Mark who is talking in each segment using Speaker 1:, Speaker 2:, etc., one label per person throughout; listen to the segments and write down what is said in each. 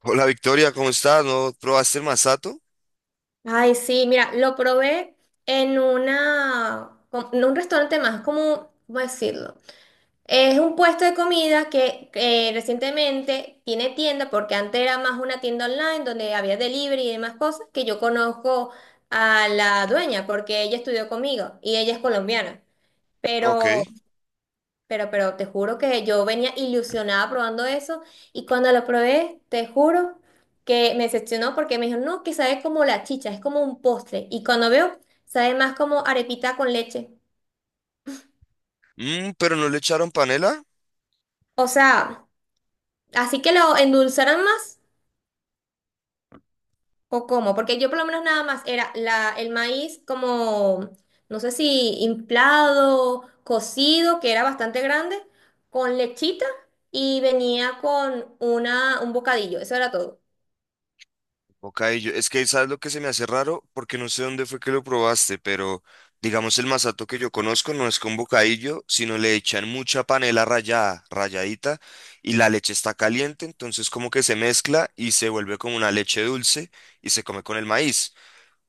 Speaker 1: Hola Victoria, ¿cómo estás? ¿No probaste el masato?
Speaker 2: Ay, sí, mira, lo probé en una, com- en un restaurante más, como, ¿cómo decirlo? Es un puesto de comida que recientemente tiene tienda, porque antes era más una tienda online donde había delivery y demás cosas, que yo conozco a la dueña, porque ella estudió conmigo y ella es colombiana.
Speaker 1: Ok.
Speaker 2: pero pero te juro que yo venía ilusionada probando eso y cuando lo probé, te juro que me decepcionó porque me dijo, no, que sabe como la chicha, es como un postre. Y cuando veo, sabe más como arepita con leche.
Speaker 1: Mm, pero no le echaron panela.
Speaker 2: O sea, así que lo endulzaran más o cómo, porque yo por lo menos nada más era la, el maíz como, no sé si inflado, cocido, que era bastante grande, con lechita y venía con una, un bocadillo, eso era todo.
Speaker 1: Ok, es que sabes lo que se me hace raro, porque no sé dónde fue que lo probaste, pero digamos el masato que yo conozco no es con bocadillo, sino le echan mucha panela rallada, ralladita, y la leche está caliente, entonces como que se mezcla y se vuelve como una leche dulce y se come con el maíz.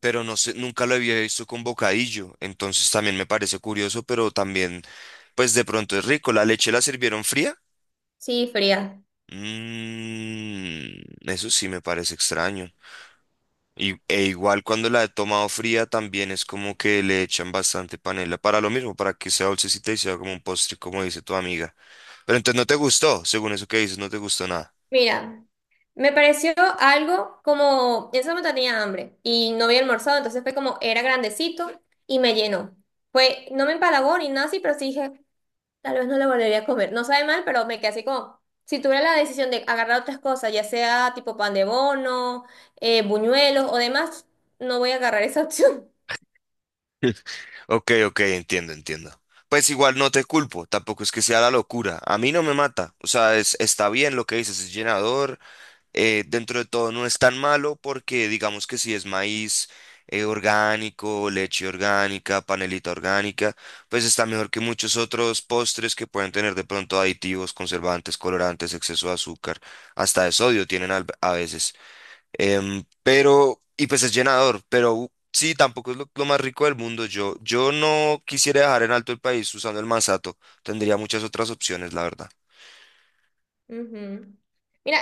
Speaker 1: Pero no sé, nunca lo había visto con bocadillo, entonces también me parece curioso, pero también, pues de pronto es rico. La leche la sirvieron fría.
Speaker 2: Sí, fría.
Speaker 1: Mm, eso sí me parece extraño. E igual cuando la he tomado fría también es como que le echan bastante panela para lo mismo, para que sea dulcecita y sea como un postre, como dice tu amiga. Pero entonces no te gustó, según eso que dices, no te gustó nada.
Speaker 2: Mira, me pareció algo como, en ese momento tenía hambre y no había almorzado, entonces fue como, era grandecito y me llenó. Fue, no me empalagó ni nada así, pero sí dije, tal vez no lo volvería a comer. No sabe mal, pero me quedé así como, si tuviera la decisión de agarrar otras cosas, ya sea tipo pan de bono, buñuelos o demás, no voy a agarrar esa opción.
Speaker 1: Ok, ok, entiendo, entiendo. Pues igual no te culpo, tampoco es que sea la locura. A mí no me mata. O sea, está bien lo que dices, es llenador, dentro de todo no es tan malo porque digamos que si es maíz orgánico, leche orgánica, panelita orgánica, pues está mejor que muchos otros postres que pueden tener de pronto aditivos, conservantes, colorantes, exceso de azúcar, hasta de sodio tienen a veces. Pero, y pues es llenador, pero sí, tampoco es lo más rico del mundo. Yo no quisiera dejar en alto el país usando el masato. Tendría muchas otras opciones, la verdad.
Speaker 2: Ujú. Mira,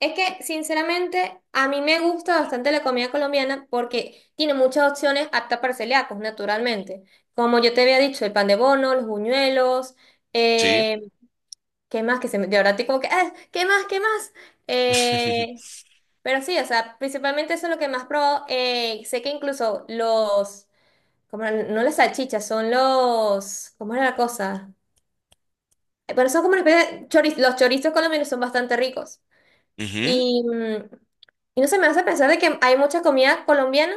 Speaker 2: es que sinceramente a mí me gusta bastante la comida colombiana porque tiene muchas opciones aptas para celíacos, naturalmente. Como yo te había dicho, el pan de bono, los buñuelos,
Speaker 1: Sí.
Speaker 2: eh, ¿qué más? Que se me, de ahora estoy como que, "Ah, ¿qué más? ¿Qué más? Eh, pero sí, o sea, principalmente eso es lo que más probó. Sé que incluso los, como no las salchichas, son los, ¿cómo era la cosa? Pero son como una especie de choriz- los chorizos colombianos son bastante ricos.
Speaker 1: Ujú.
Speaker 2: Y, mm, y no se me hace pensar de que hay mucha comida colombiana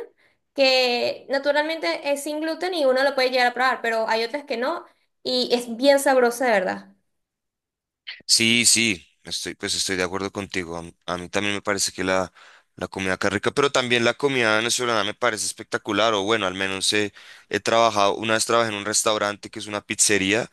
Speaker 2: que naturalmente es sin gluten y uno lo puede llegar a probar, pero hay otras que no y es bien sabrosa, de verdad.
Speaker 1: Sí, sí, pues estoy de acuerdo contigo. A mí también me parece que la comida acá es rica, pero también la comida venezolana me parece espectacular. O bueno, he trabajado, una vez trabajé en un restaurante que es una pizzería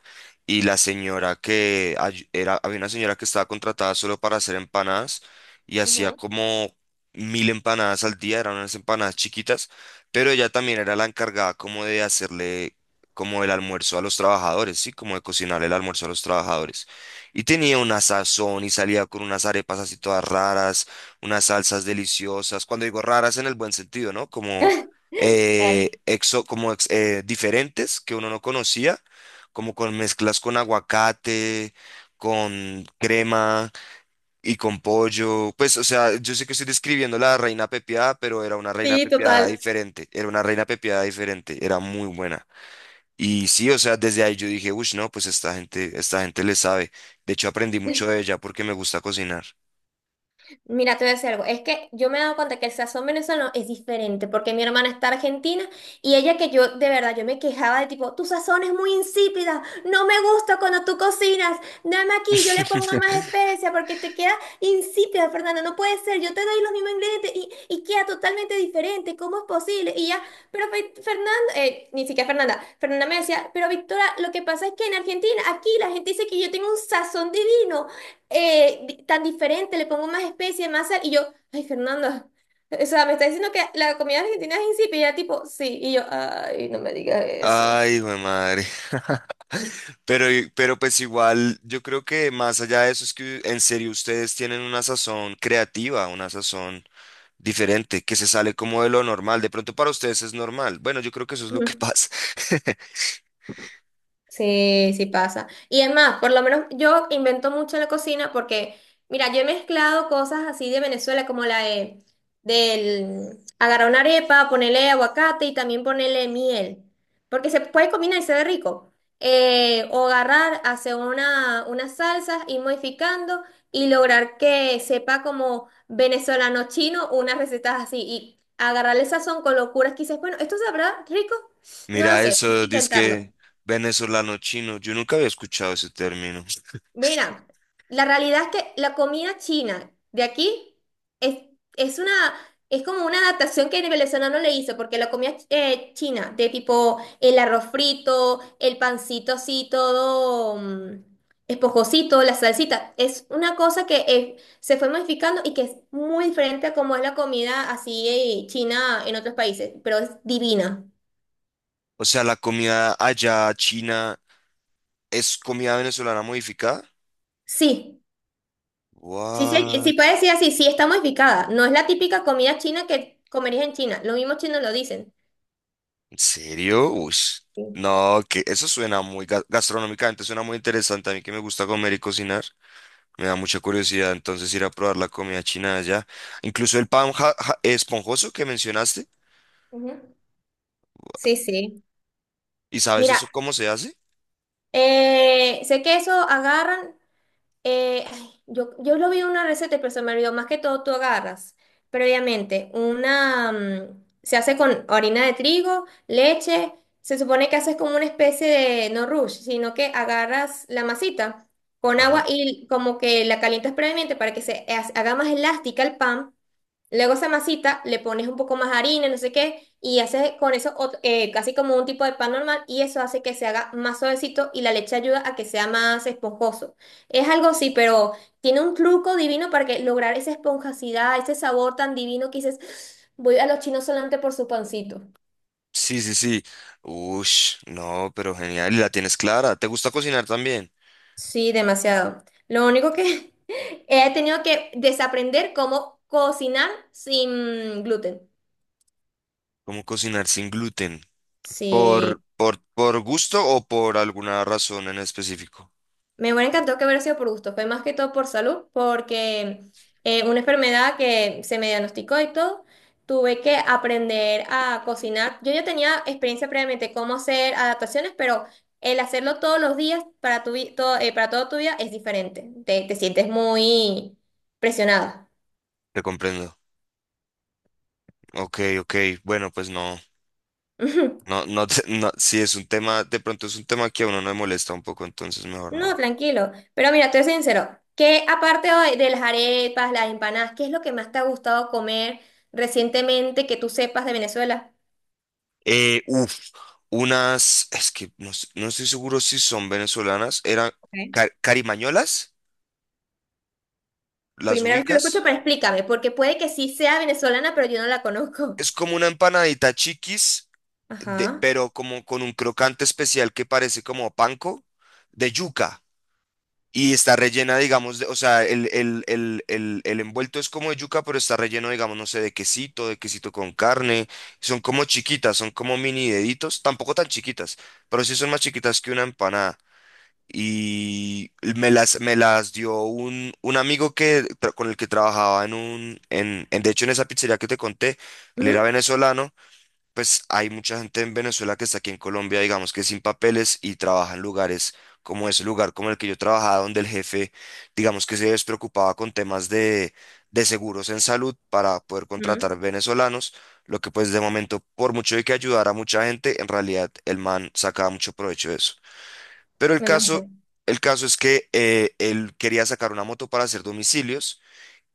Speaker 1: y la señora que había una señora que estaba contratada solo para hacer empanadas y hacía
Speaker 2: Ujú.
Speaker 1: como mil empanadas al día, eran unas empanadas chiquitas, pero ella también era la encargada como de hacerle como el almuerzo a los trabajadores, sí, como de cocinar el almuerzo a los trabajadores. Y tenía una sazón y salía con unas arepas así todas raras, unas salsas deliciosas. Cuando digo raras en el buen sentido, ¿no? Como,
Speaker 2: Claro.
Speaker 1: diferentes que uno no conocía, como con mezclas con aguacate, con crema y con pollo. Pues, o sea, yo sé que estoy describiendo la reina pepiada, pero era una reina
Speaker 2: Sí,
Speaker 1: pepiada
Speaker 2: total.
Speaker 1: diferente. Era una reina pepiada diferente. Era muy buena. Y sí, o sea, desde ahí yo dije, uff, no, pues esta gente le sabe. De hecho, aprendí mucho de ella porque me gusta cocinar.
Speaker 2: Mira, te voy a decir algo. Es que yo me he dado cuenta que el sazón venezolano es diferente, porque mi hermana está argentina y ella que yo, de verdad, yo me quejaba de tipo, tu sazón es muy insípida, no me gusta cuando tú cocinas, dame aquí, yo le pongo más especia porque te queda insípida, Fernanda, no puede ser, yo te doy los mismos ingredientes y queda totalmente diferente, ¿cómo es posible? Y ya, pero Fe- Fernanda, ni siquiera Fernanda, Fernanda me decía, pero Victoria, lo que pasa es que en Argentina, aquí la gente dice que yo tengo un sazón divino di- tan diferente, le pongo más especie, más sal, y yo, ay, Fernanda, o sea, me está diciendo que la comida argentina es insípida, tipo, sí, y yo, ay, no me digas eso.
Speaker 1: Ay, güey, madre. Pero, pero pues igual, yo creo que más allá de eso es que en serio ustedes tienen una sazón creativa, una sazón diferente, que se sale como de lo normal. De pronto para ustedes es normal. Bueno, yo creo que eso es lo que pasa.
Speaker 2: Sí, sí pasa. Y es más, por lo menos yo invento mucho en la cocina porque, mira, yo he mezclado cosas así de Venezuela, como la de, del agarrar una arepa, ponerle aguacate y también ponerle miel, porque se puede combinar y se ve rico. O agarrar, hacer una, unas salsas, ir modificando y lograr que sepa como venezolano chino unas recetas así y agarrarle sazón con locuras que dices, bueno, ¿esto sabrá rico? No lo
Speaker 1: Mira
Speaker 2: sé,
Speaker 1: eso,
Speaker 2: pero hay que intentarlo.
Speaker 1: que venezolano chino. Yo nunca había escuchado ese término.
Speaker 2: Mira, la realidad es que la comida china de aquí es, es una, es como una adaptación que el venezolano le hizo, porque la comida china, de tipo el arroz frito, el pancito así todo mm, esponjosito, la salsita, es una cosa que se fue modificando y que es muy diferente a como es la comida así china en otros países, pero es divina.
Speaker 1: O sea, la comida allá china ¿es comida venezolana modificada?
Speaker 2: Sí. Sí, sí, sí
Speaker 1: What?
Speaker 2: puede decir así, sí está modificada. No es la típica comida china que comerías en China. Los mismos chinos lo dicen.
Speaker 1: ¿En serio? Uy.
Speaker 2: Sí,
Speaker 1: No, que eso suena muy gastronómicamente, suena muy interesante. A mí que me gusta comer y cocinar, me da mucha curiosidad entonces ir a probar la comida china de allá. Incluso el pan esponjoso que mencionaste.
Speaker 2: ujú. Sí. Sí.
Speaker 1: ¿Y sabes
Speaker 2: Mira,
Speaker 1: eso cómo se hace?
Speaker 2: sé que eso agarran. Ay, yo, yo lo vi en una receta, pero se me olvidó. Más que todo, tú agarras previamente una. Mm, se hace con harina de trigo, leche. Se supone que haces como una especie de no rush, sino que agarras la masita con
Speaker 1: Ajá.
Speaker 2: agua y como que la calientas previamente para que se ha- haga más elástica el pan. Luego esa masita le pones un poco más harina, no sé qué, y haces con eso ot- casi como un tipo de pan normal y eso hace que se haga más suavecito y la leche ayuda a que sea más esponjoso. Es algo así, pero tiene un truco divino para que lograr esa esponjosidad, ese sabor tan divino que dices, "Ah, voy a los chinos solamente por su pancito.
Speaker 1: Sí, sí, sí. Ush, no, pero genial. Y la tienes clara. ¿Te gusta cocinar también?
Speaker 2: Sí, demasiado. Lo único que he tenido que desaprender cómo cocinar sin gluten.
Speaker 1: ¿Cómo cocinar sin gluten?
Speaker 2: Sí.
Speaker 1: ¿Por gusto o por alguna razón en específico?
Speaker 2: Me hubiera encantado que hubiera sido por gusto, fue más que todo por salud, porque una enfermedad que se me diagnosticó y todo, tuve que aprender a cocinar. Yo ya tenía experiencia previamente cómo hacer adaptaciones, pero el hacerlo todos los días para tu, vi- todo, para toda tu vida es diferente. Te sientes muy presionada.
Speaker 1: Te comprendo. Ok, ok. Bueno, pues no.
Speaker 2: Ujú.
Speaker 1: No, no, no. Si es un tema, de pronto es un tema que a uno no le molesta un poco, entonces mejor
Speaker 2: No,
Speaker 1: no.
Speaker 2: tranquilo. Pero mira, te soy sincero, que aparte de las arepas, las empanadas, ¿qué es lo que más te ha gustado comer recientemente que tú sepas de Venezuela?
Speaker 1: Uf, unas, es que no, no estoy seguro si son venezolanas, eran carimañolas, ¿las
Speaker 2: Primera vez que lo escucho, pero
Speaker 1: ubicas?
Speaker 2: explícame, porque puede que sí sea venezolana, pero yo no la conozco.
Speaker 1: Es como una empanadita chiquis, de,
Speaker 2: Ajá.
Speaker 1: pero como con un crocante especial que parece como panko, de yuca. Y está rellena, digamos, o sea, el envuelto es como de yuca, pero está relleno, digamos, no sé, de quesito con carne. Son como chiquitas, son como mini deditos, tampoco tan chiquitas, pero sí son más chiquitas que una empanada. Y me las dio un amigo con el que trabajaba en de hecho en esa pizzería que te conté, él era
Speaker 2: Ujú,
Speaker 1: venezolano, pues hay mucha gente en Venezuela que está aquí en Colombia, digamos que sin papeles y trabaja en lugares como ese lugar como el que yo trabajaba, donde el jefe, digamos que se despreocupaba con temas de seguros en salud para poder
Speaker 2: ujú.
Speaker 1: contratar venezolanos, lo que pues de momento, por mucho de que ayudara a mucha gente, en realidad el man sacaba mucho provecho de eso. Pero
Speaker 2: Me imagino.
Speaker 1: el caso es que él quería sacar una moto para hacer domicilios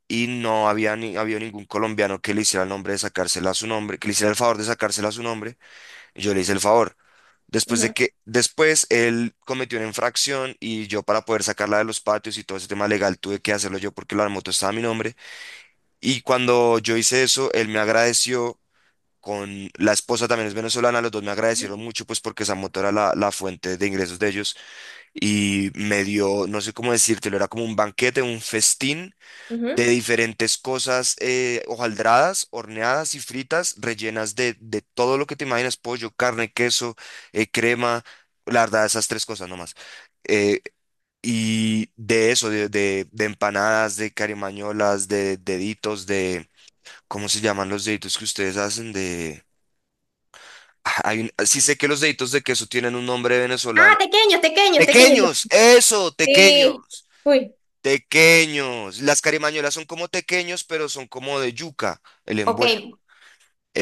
Speaker 1: y no había ni, habido ningún colombiano que le hiciera el nombre de sacársela a su nombre, que le hiciera el favor de sacársela a su nombre. Y yo le hice el favor.
Speaker 2: Ujú,
Speaker 1: Después él cometió una infracción y yo para poder sacarla de los patios y todo ese tema legal tuve que hacerlo yo porque la moto estaba a mi nombre. Y cuando yo hice eso, él me agradeció con la esposa también es venezolana, los dos me
Speaker 2: ujú,
Speaker 1: agradecieron mucho pues porque esa moto era la fuente de ingresos de ellos y me dio, no sé cómo decírtelo, era como un banquete, un festín de
Speaker 2: ujú.
Speaker 1: diferentes cosas hojaldradas, horneadas y fritas, rellenas de todo lo que te imaginas, pollo, carne, queso, crema, la verdad, esas tres cosas nomás. Eh, y de eso, de empanadas, de carimañolas, de deditos, de, ¿cómo se llaman los deditos que ustedes hacen? De... Ah, hay sí sé que los deditos de queso tienen un nombre venezolano.
Speaker 2: Ah, tequeños, tequeños, tequeños. Yo,
Speaker 1: Pequeños, eso,
Speaker 2: sí.
Speaker 1: pequeños.
Speaker 2: Uy.
Speaker 1: Tequeños. Las carimañolas son como tequeños, pero son como de yuca, el
Speaker 2: Ok,
Speaker 1: envuelto.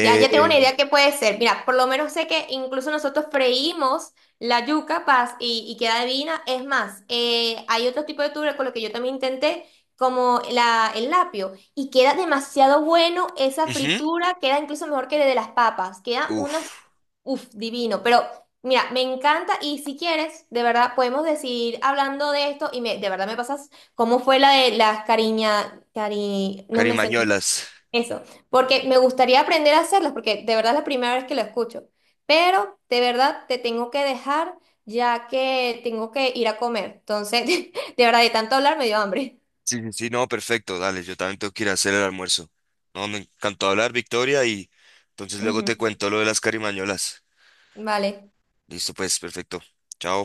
Speaker 2: ya, ya tengo una idea que puede ser. Mira, por lo menos sé que incluso nosotros freímos la yuca paz y queda divina. Es más, hay otro tipo de tubérculo con lo que yo también intenté, como la, el lapio, y queda demasiado bueno esa
Speaker 1: ujú.
Speaker 2: fritura, queda incluso mejor que la de las papas. Queda unas,
Speaker 1: Uf,
Speaker 2: uff, divino. Pero mira, me encanta y si quieres, de verdad, podemos decir hablando de esto y me, de verdad me pasas cómo fue la de las cariña, cari, no me sé.
Speaker 1: carimañolas.
Speaker 2: Eso, porque me gustaría aprender a hacerlas, porque de verdad es la primera vez que lo escucho. Pero de verdad te tengo que dejar ya que tengo que ir a comer. Entonces, de verdad, de tanto hablar me dio hambre.
Speaker 1: Sí, sí, sí, no, perfecto. Dale, yo también tengo que ir a hacer el almuerzo. No, me encantó hablar, Victoria, y entonces luego
Speaker 2: Ujú.
Speaker 1: te cuento lo de las carimañolas.
Speaker 2: Vale.
Speaker 1: Listo, pues, perfecto. Chao.